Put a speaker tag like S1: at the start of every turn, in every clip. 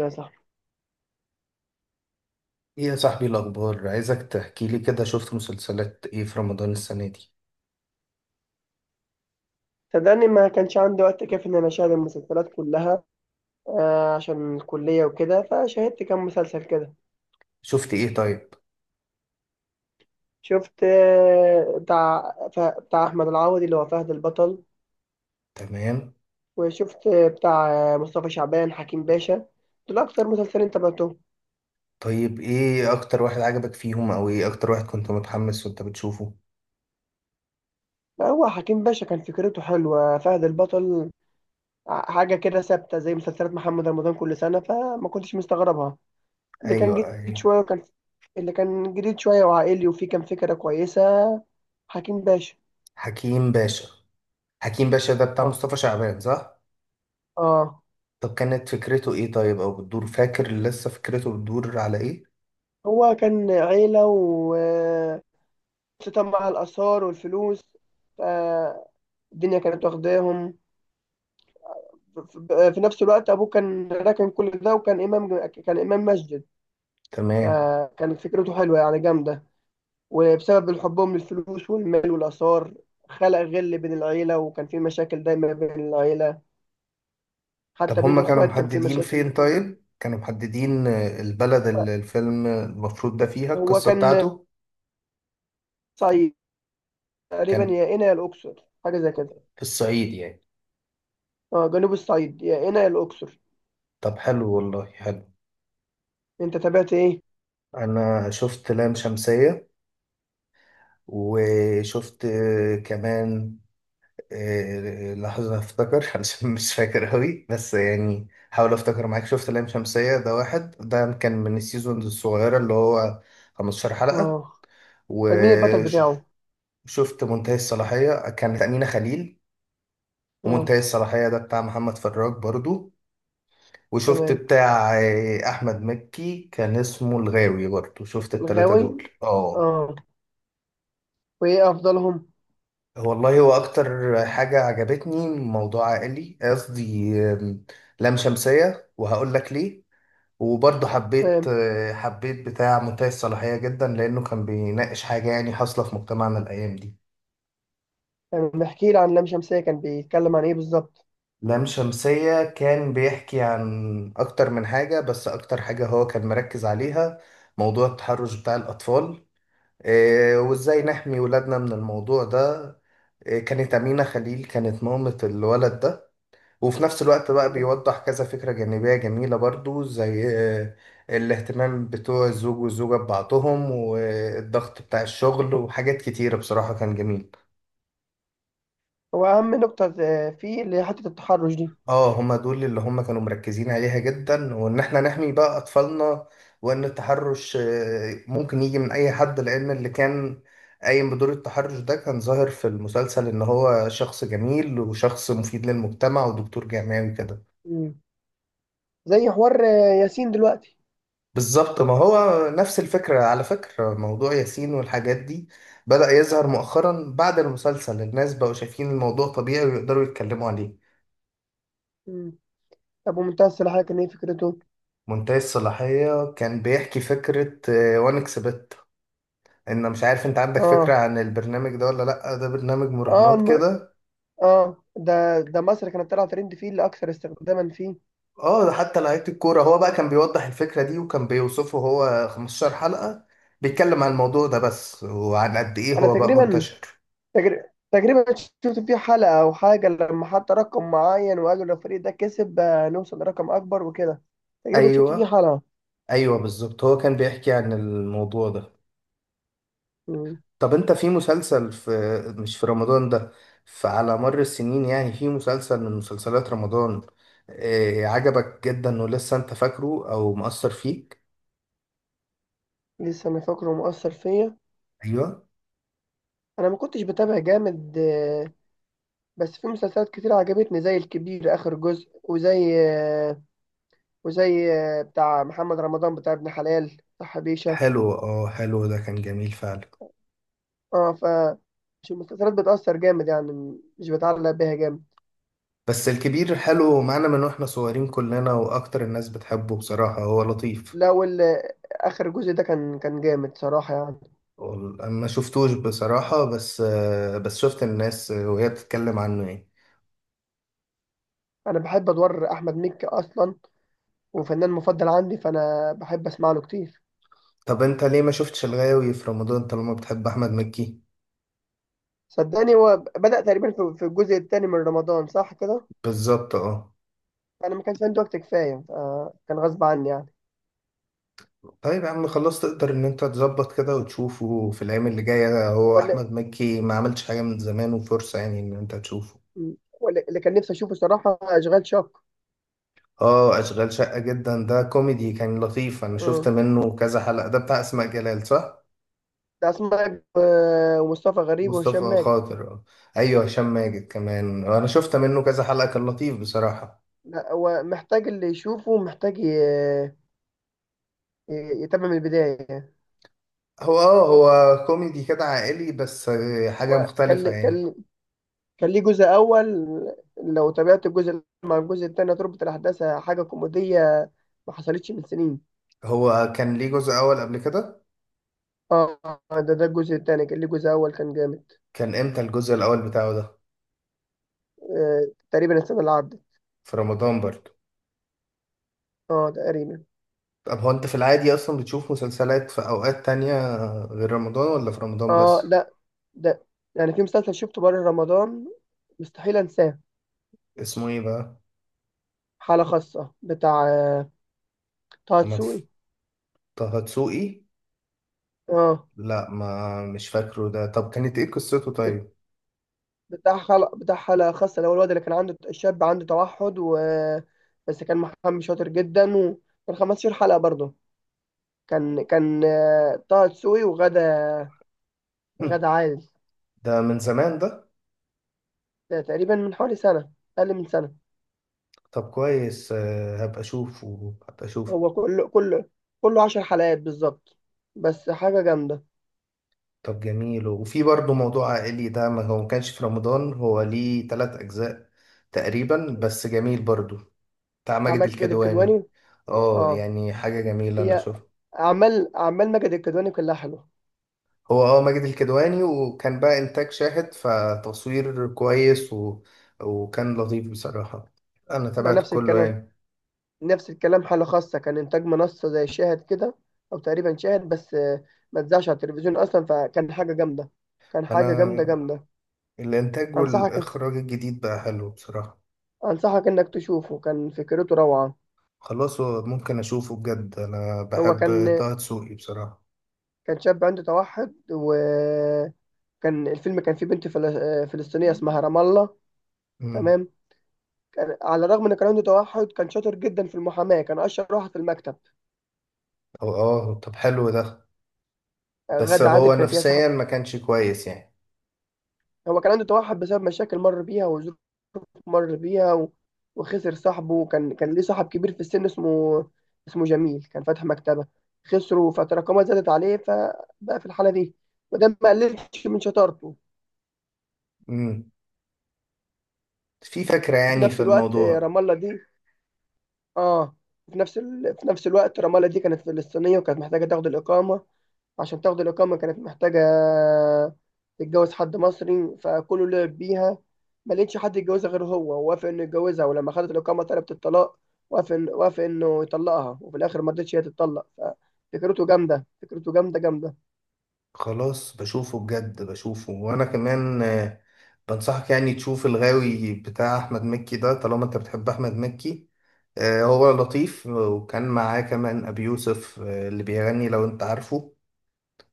S1: يا صاحبي،
S2: ايه يا صاحبي الاخبار، عايزك تحكي لي كده، شفت مسلسلات ايه في رمضان السنه دي؟
S1: صدقني ما كانش عندي وقت كافي ان انا اشاهد المسلسلات كلها. عشان الكليه وكده، فشاهدت كام مسلسل كده.
S2: شفت ايه طيب؟
S1: شفت، بتاع بتاع احمد العوضي اللي هو فهد البطل.
S2: تمام.
S1: وشفت بتاع مصطفى شعبان، حكيم باشا. دول اكتر مسلسلين تابعتهم.
S2: طيب ايه اكتر واحد عجبك فيهم او ايه اكتر واحد كنت متحمس وانت بتشوفه؟
S1: هو حكيم باشا كان فكرته حلوه. فهد البطل حاجه كده ثابته، زي مسلسلات محمد رمضان كل سنه، فما كنتش مستغربها. اللي كان
S2: ايوه،
S1: جديد
S2: ايوه.
S1: شوية وكان اللي كان جديد شوية وعائلي، وفيه كان فكرة كويسة، حكيم باشا.
S2: حكيم باشا. حكيم باشا ده بتاع
S1: اه.
S2: مصطفى شعبان، صح؟
S1: اه.
S2: طب كانت فكرته ايه طيب، او بتدور، فاكر لسه فكرته بتدور على ايه؟
S1: هو كان عيلة، وقصته مع الآثار والفلوس، فالدنيا كانت واخداهم. ف- في نفس الوقت أبوه كان راكن كل ده، وكان إمام مسجد.
S2: تمام.
S1: فكانت فكرته حلوة يعني، جامدة. وبسبب حبهم للفلوس والمال والآثار، خلق غل بين العيلة، وكان في مشاكل دايما بين العيلة،
S2: طب
S1: حتى بين
S2: هما كانوا
S1: الإخوات كان في
S2: محددين
S1: مشاكل
S2: فين،
S1: دايما.
S2: طيب كانوا محددين البلد اللي الفيلم المفروض ده فيها
S1: هو
S2: القصه
S1: كان
S2: بتاعته؟
S1: صعيد تقريبا،
S2: كان
S1: يا قنا يا الاقصر، حاجه زي كده.
S2: في الصعيد يعني؟
S1: اه، جنوب الصعيد، يا قنا يا الاقصر.
S2: طب حلو، والله حلو.
S1: انت تابعت ايه؟
S2: انا شفت لام شمسية، وشفت كمان لحظة افتكر علشان مش فاكر قوي، بس يعني حاول افتكر معاك. شفت لام شمسية، ده واحد ده كان من السيزونز الصغيرة اللي هو 15 حلقة.
S1: اه. كان مين البطل
S2: وشفت
S1: بتاعه؟
S2: منتهي الصلاحية، كانت أمينة خليل،
S1: اه.
S2: ومنتهي الصلاحية ده بتاع محمد فراج برضو. وشفت
S1: تمام.
S2: بتاع أحمد مكي كان اسمه الغاوي برضو. شفت التلاتة
S1: الغاوي.
S2: دول، اه.
S1: اه. وايه افضلهم؟
S2: والله هو اكتر حاجة عجبتني موضوع عائلي، قصدي لام شمسية، وهقول لك ليه. وبرضه حبيت
S1: تمام.
S2: حبيت بتاع منتهي الصلاحية جدا، لانه كان بيناقش حاجة يعني حاصلة في مجتمعنا الايام دي.
S1: تمام، احكي لي عن لام شمسية، كان بيتكلم عن ايه بالظبط؟
S2: لام شمسية كان بيحكي عن اكتر من حاجة، بس اكتر حاجة هو كان مركز عليها موضوع التحرش بتاع الاطفال. وازاي
S1: اه.
S2: نحمي ولادنا من الموضوع ده. كانت أمينة خليل كانت مامة الولد ده. وفي نفس الوقت بقى
S1: تمام.
S2: بيوضح كذا فكرة جانبية جميلة برضو زي آه، الاهتمام بتوع الزوج والزوجة ببعضهم، والضغط بتاع الشغل، وحاجات كتيرة بصراحة كان جميل.
S1: هو اهم نقطه فيه، اللي هي حته التحرش دي.
S2: اه، هما دول اللي هما كانوا مركزين عليها جدا، وان احنا نحمي بقى اطفالنا. وان التحرش ممكن يجي من اي حد، لان اللي كان قايم بدور التحرش ده كان ظاهر في المسلسل ان هو شخص جميل، وشخص مفيد للمجتمع، ودكتور جامعي وكده.
S1: مم. زي حوار ياسين دلوقتي.
S2: بالظبط، ما هو نفس الفكرة. على فكرة، موضوع ياسين والحاجات دي بدأ يظهر مؤخرا بعد المسلسل، الناس بقوا شايفين الموضوع طبيعي ويقدروا يتكلموا عليه.
S1: مم. طب ومنتهى الصلاحيه كان ايه فكرته؟
S2: منتهي الصلاحية كان بيحكي فكرة وانكس بت. ان، مش عارف انت عندك فكرة
S1: اه.
S2: عن البرنامج ده ولا لأ، ده برنامج
S1: اه،
S2: مراهنات كده.
S1: اه، ده مصر كانت طالعه ترند فيه، لاكثر استخداما فيه.
S2: اه، ده حتى لعيبة الكورة. هو بقى كان بيوضح الفكرة دي، وكان بيوصفه. هو 15 حلقة بيتكلم عن الموضوع ده بس، وعن قد ايه
S1: انا
S2: هو بقى
S1: تقريبا،
S2: منتشر.
S1: تقريبا شفت فيه حلقة او حاجة، لما حط رقم معين وقال لو الفريق ده كسب، نوصل لرقم اكبر وكده. تقريبا شفت فيه
S2: ايوه،
S1: حلقة.
S2: ايوه بالظبط، هو كان بيحكي عن الموضوع ده.
S1: مم.
S2: طب انت في مسلسل، في، مش في رمضان ده، فعلى مر السنين يعني، في مسلسل من مسلسلات رمضان عجبك جدا ولسه انت فاكره او مؤثر فيك؟
S1: لسه انا فاكره ومؤثر فيا.
S2: ايوه.
S1: انا ما كنتش بتابع جامد، بس في مسلسلات كتير عجبتني، زي الكبير اخر جزء، وزي بتاع محمد رمضان، بتاع ابن حلال، بتاع حبيشة.
S2: حلو، اه، حلو، ده كان جميل فعلا.
S1: اه. مش المسلسلات بتأثر جامد يعني، مش بتعلق بيها جامد.
S2: بس الكبير حلو، معانا من واحنا صغيرين كلنا، واكتر الناس بتحبه بصراحة، هو لطيف.
S1: لو ال- آخر جزء ده كان جامد صراحة يعني.
S2: انا ما شفتوش بصراحة، بس بس شفت الناس وهي بتتكلم عنه يعني.
S1: انا بحب ادوار احمد مكي اصلا، وفنان مفضل عندي، فانا بحب اسمع له كتير.
S2: طب انت ليه ما شفتش الغاوي في رمضان طالما بتحب احمد مكي؟
S1: صدقني هو بدأ تقريبا في الجزء الثاني من رمضان، صح كده؟
S2: بالظبط، اه.
S1: انا ما كانش عندي وقت كفايه، كان غصب عني يعني.
S2: طيب يا عم، خلاص، تقدر ان انت تظبط كده وتشوفه في الايام اللي جايه. هو
S1: ولا.
S2: احمد مكي ما عملش حاجه من زمان، وفرصه يعني ان انت تشوفه.
S1: اللي كان نفسي اشوفه صراحه اشغال شاق.
S2: اه، اشغال شقه جدا، ده كوميدي كان لطيف. انا شفت
S1: آه،
S2: منه كذا حلقه، ده بتاع اسماء جلال، صح؟
S1: ده اسماء جلال، ومصطفى غريب وهشام
S2: مصطفى
S1: ماجد.
S2: خاطر، اه. ايوه، هشام ماجد كمان، انا شفت منه كذا حلقه، كان لطيف بصراحه.
S1: لا هو محتاج اللي يشوفه، محتاج يتابع من البدايه.
S2: هو كوميدي كده عائلي، بس حاجه
S1: هو
S2: مختلفه
S1: كان
S2: يعني.
S1: كان كان ليه جزء اول. لو تابعت الجزء الأول مع الجزء الثاني هتربط الاحداث، حاجه كوميديه ما حصلتش من سنين.
S2: هو كان ليه جزء اول قبل كده؟
S1: اه. ده الجزء الثاني، كان ليه جزء اول كان جامد.
S2: كان امتى الجزء الاول بتاعه ده؟
S1: تقريبا السنه اللي عدت.
S2: في رمضان برضو؟
S1: اه تقريبا.
S2: طب هو انت في العادي اصلا بتشوف مسلسلات في اوقات تانية غير رمضان، ولا في رمضان
S1: اه.
S2: بس؟
S1: ده يعني في مسلسل شفته بره رمضان مستحيل انساه.
S2: اسمه ايه بقى؟
S1: حالة خاصة بتاع طه
S2: محمد ف-
S1: دسوقي.
S2: طه دسوقي؟
S1: اه.
S2: لا، ما مش فاكره ده، طب كانت ايه قصته
S1: بت-
S2: طيب؟
S1: بتاع حلقة، بتاع حالة خاصة، اللي هو الواد اللي كان عنده، الشاب عنده توحد، و بس كان محامي شاطر جدا، وكان 15 حلقة برضه. كان كان طه دسوقي، وغادة عادل.
S2: ده من زمان ده.
S1: ده تقريبا من حوالي سنة، أقل من سنة.
S2: طب كويس، هبقى اشوفه.
S1: هو كله عشر حلقات بالظبط، بس حاجة جامدة.
S2: طب جميل. وفي برضه موضوع عائلي ده، ما هو ما كانش في رمضان، هو ليه تلات اجزاء تقريبا، بس جميل برضو، بتاع
S1: بتاع
S2: ماجد
S1: ماجد
S2: الكدواني.
S1: الكدواني.
S2: اه،
S1: اه.
S2: يعني حاجة جميلة، أنا
S1: هي
S2: شوف.
S1: أعمال ماجد الكدواني كلها حلوة.
S2: هو ماجد الكدواني، وكان بقى إنتاج شاهد، فتصوير كويس وكان لطيف بصراحة. أنا
S1: ما
S2: تابعت
S1: نفس
S2: كله
S1: الكلام،
S2: يعني.
S1: نفس الكلام. حالة خاصة كان إنتاج منصة زي شاهد كده، أو تقريبا شاهد بس، ما اتذاعش على التلفزيون أصلا، فكان حاجة جامدة، كان حاجة
S2: أنا
S1: جامدة جامدة.
S2: الإنتاج
S1: أنصحك،
S2: والإخراج الجديد بقى حلو بصراحة.
S1: أنصحك إنك تشوفه، كان فكرته روعة.
S2: خلاص، هو ممكن أشوفه بجد، أنا
S1: هو
S2: بحب
S1: كان
S2: طه دسوقي بصراحة.
S1: كان شاب عنده توحد، وكان الفيلم كان فيه بنت فلسطينية اسمها رام الله.
S2: امم.
S1: تمام. كان على الرغم ان كان عنده توحد، كان شاطر جدا في المحاماة، كان اشطر واحد في المكتب.
S2: هو طب حلو ده، بس
S1: غادة عادل
S2: هو
S1: كانت هي
S2: نفسيا
S1: صاحب.
S2: ما كانش كويس يعني.
S1: هو كان عنده توحد بسبب مشاكل مر بيها وظروف مر بيها، وخسر صاحبه. وكان ليه صاحب كبير في السن، اسمه جميل، كان فاتح مكتبة، خسره فتراكمات زادت عليه، فبقى في الحالة دي، وده ما قللش من شطارته.
S2: امم. في فكرة
S1: وفي
S2: يعني
S1: نفس
S2: في
S1: الوقت
S2: الموضوع.
S1: رام الله دي، اه، في نفس الوقت رمالة دي كانت فلسطينية، وكانت محتاجة تاخد الإقامة. عشان تاخد الإقامة كانت محتاجة تتجوز حد مصري، فكله لعب بيها، ما لقيتش حد يتجوزها غير هو، ووافق إنه يتجوزها، ولما خدت الإقامة طلبت الطلاق. وافق إنه يطلقها، وفي الآخر ما رضتش هي تتطلق. ففكرته جامدة، فكرته جامدة جامدة.
S2: خلاص بشوفه بجد بشوفه، وانا كمان بنصحك يعني تشوف الغاوي بتاع احمد مكي ده، طالما انت بتحب احمد مكي. هو لطيف، وكان معاه كمان ابي يوسف اللي بيغني لو انت عارفه.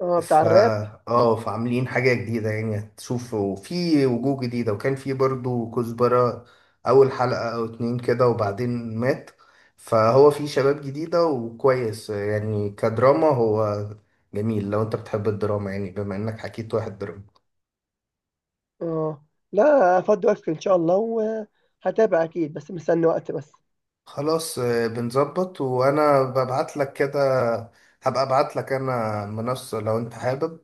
S1: اه، بتاع
S2: ف
S1: الراب.
S2: اه فعاملين حاجة جديدة يعني، هتشوف. وفي وجوه جديدة، وكان في برضو كزبرة أول حلقة أو اتنين كده وبعدين مات. فهو في شباب جديدة وكويس يعني، كدراما هو جميل لو انت بتحب الدراما، يعني بما انك حكيت واحد دراما.
S1: اه، لا، فضي وقتك إن شاء الله، وهتابع أكيد، بس مستني وقت بس.
S2: خلاص، بنظبط، وانا ببعت لك كده. هبقى ابعت لك انا منصة لو انت حابب.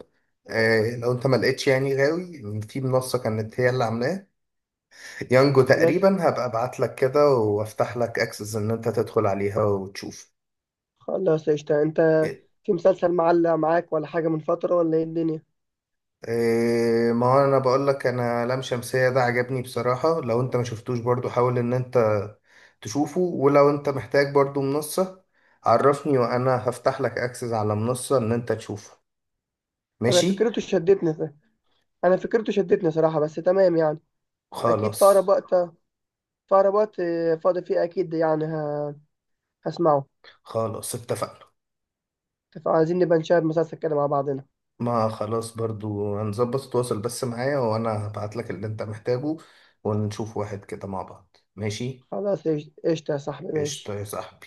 S2: لو انت ما لقيتش يعني غاوي في منصة، كانت هي اللي عاملاها يانجو
S1: خلاص.
S2: تقريبا. هبقى ابعت لك كده وافتح لك اكسس ان انت تدخل عليها وتشوف.
S1: خلاص قشطة. انت
S2: إيه؟
S1: في مسلسل معلق معاك، ولا حاجة من فترة، ولا ايه الدنيا؟
S2: ما هو انا بقول لك، انا لام شمسية ده عجبني بصراحة، لو انت ما شفتوش برضو حاول ان انت تشوفه. ولو انت محتاج برضو منصة عرفني، وانا هفتح لك اكسس على منصة ان انت تشوفه.
S1: انا
S2: ماشي.
S1: فكرته شدتني، انا فكرته شدتني صراحة، بس تمام يعني. اكيد في اقرب
S2: خلاص.
S1: وقت، في اقرب وقت، فاضي فيه اكيد يعني، هسمعه.
S2: خلاص اتفقنا.
S1: فعايزين نبقى نشاهد مسلسل كده مع بعضنا.
S2: ما خلاص، برضو هنظبط، تواصل بس معايا وانا هبعت لك اللي انت محتاجه. ونشوف واحد كده مع بعض، ماشي.
S1: خلاص قشطة. قشطة يا صاحبي، ماشي.
S2: قشطة يا صاحبي.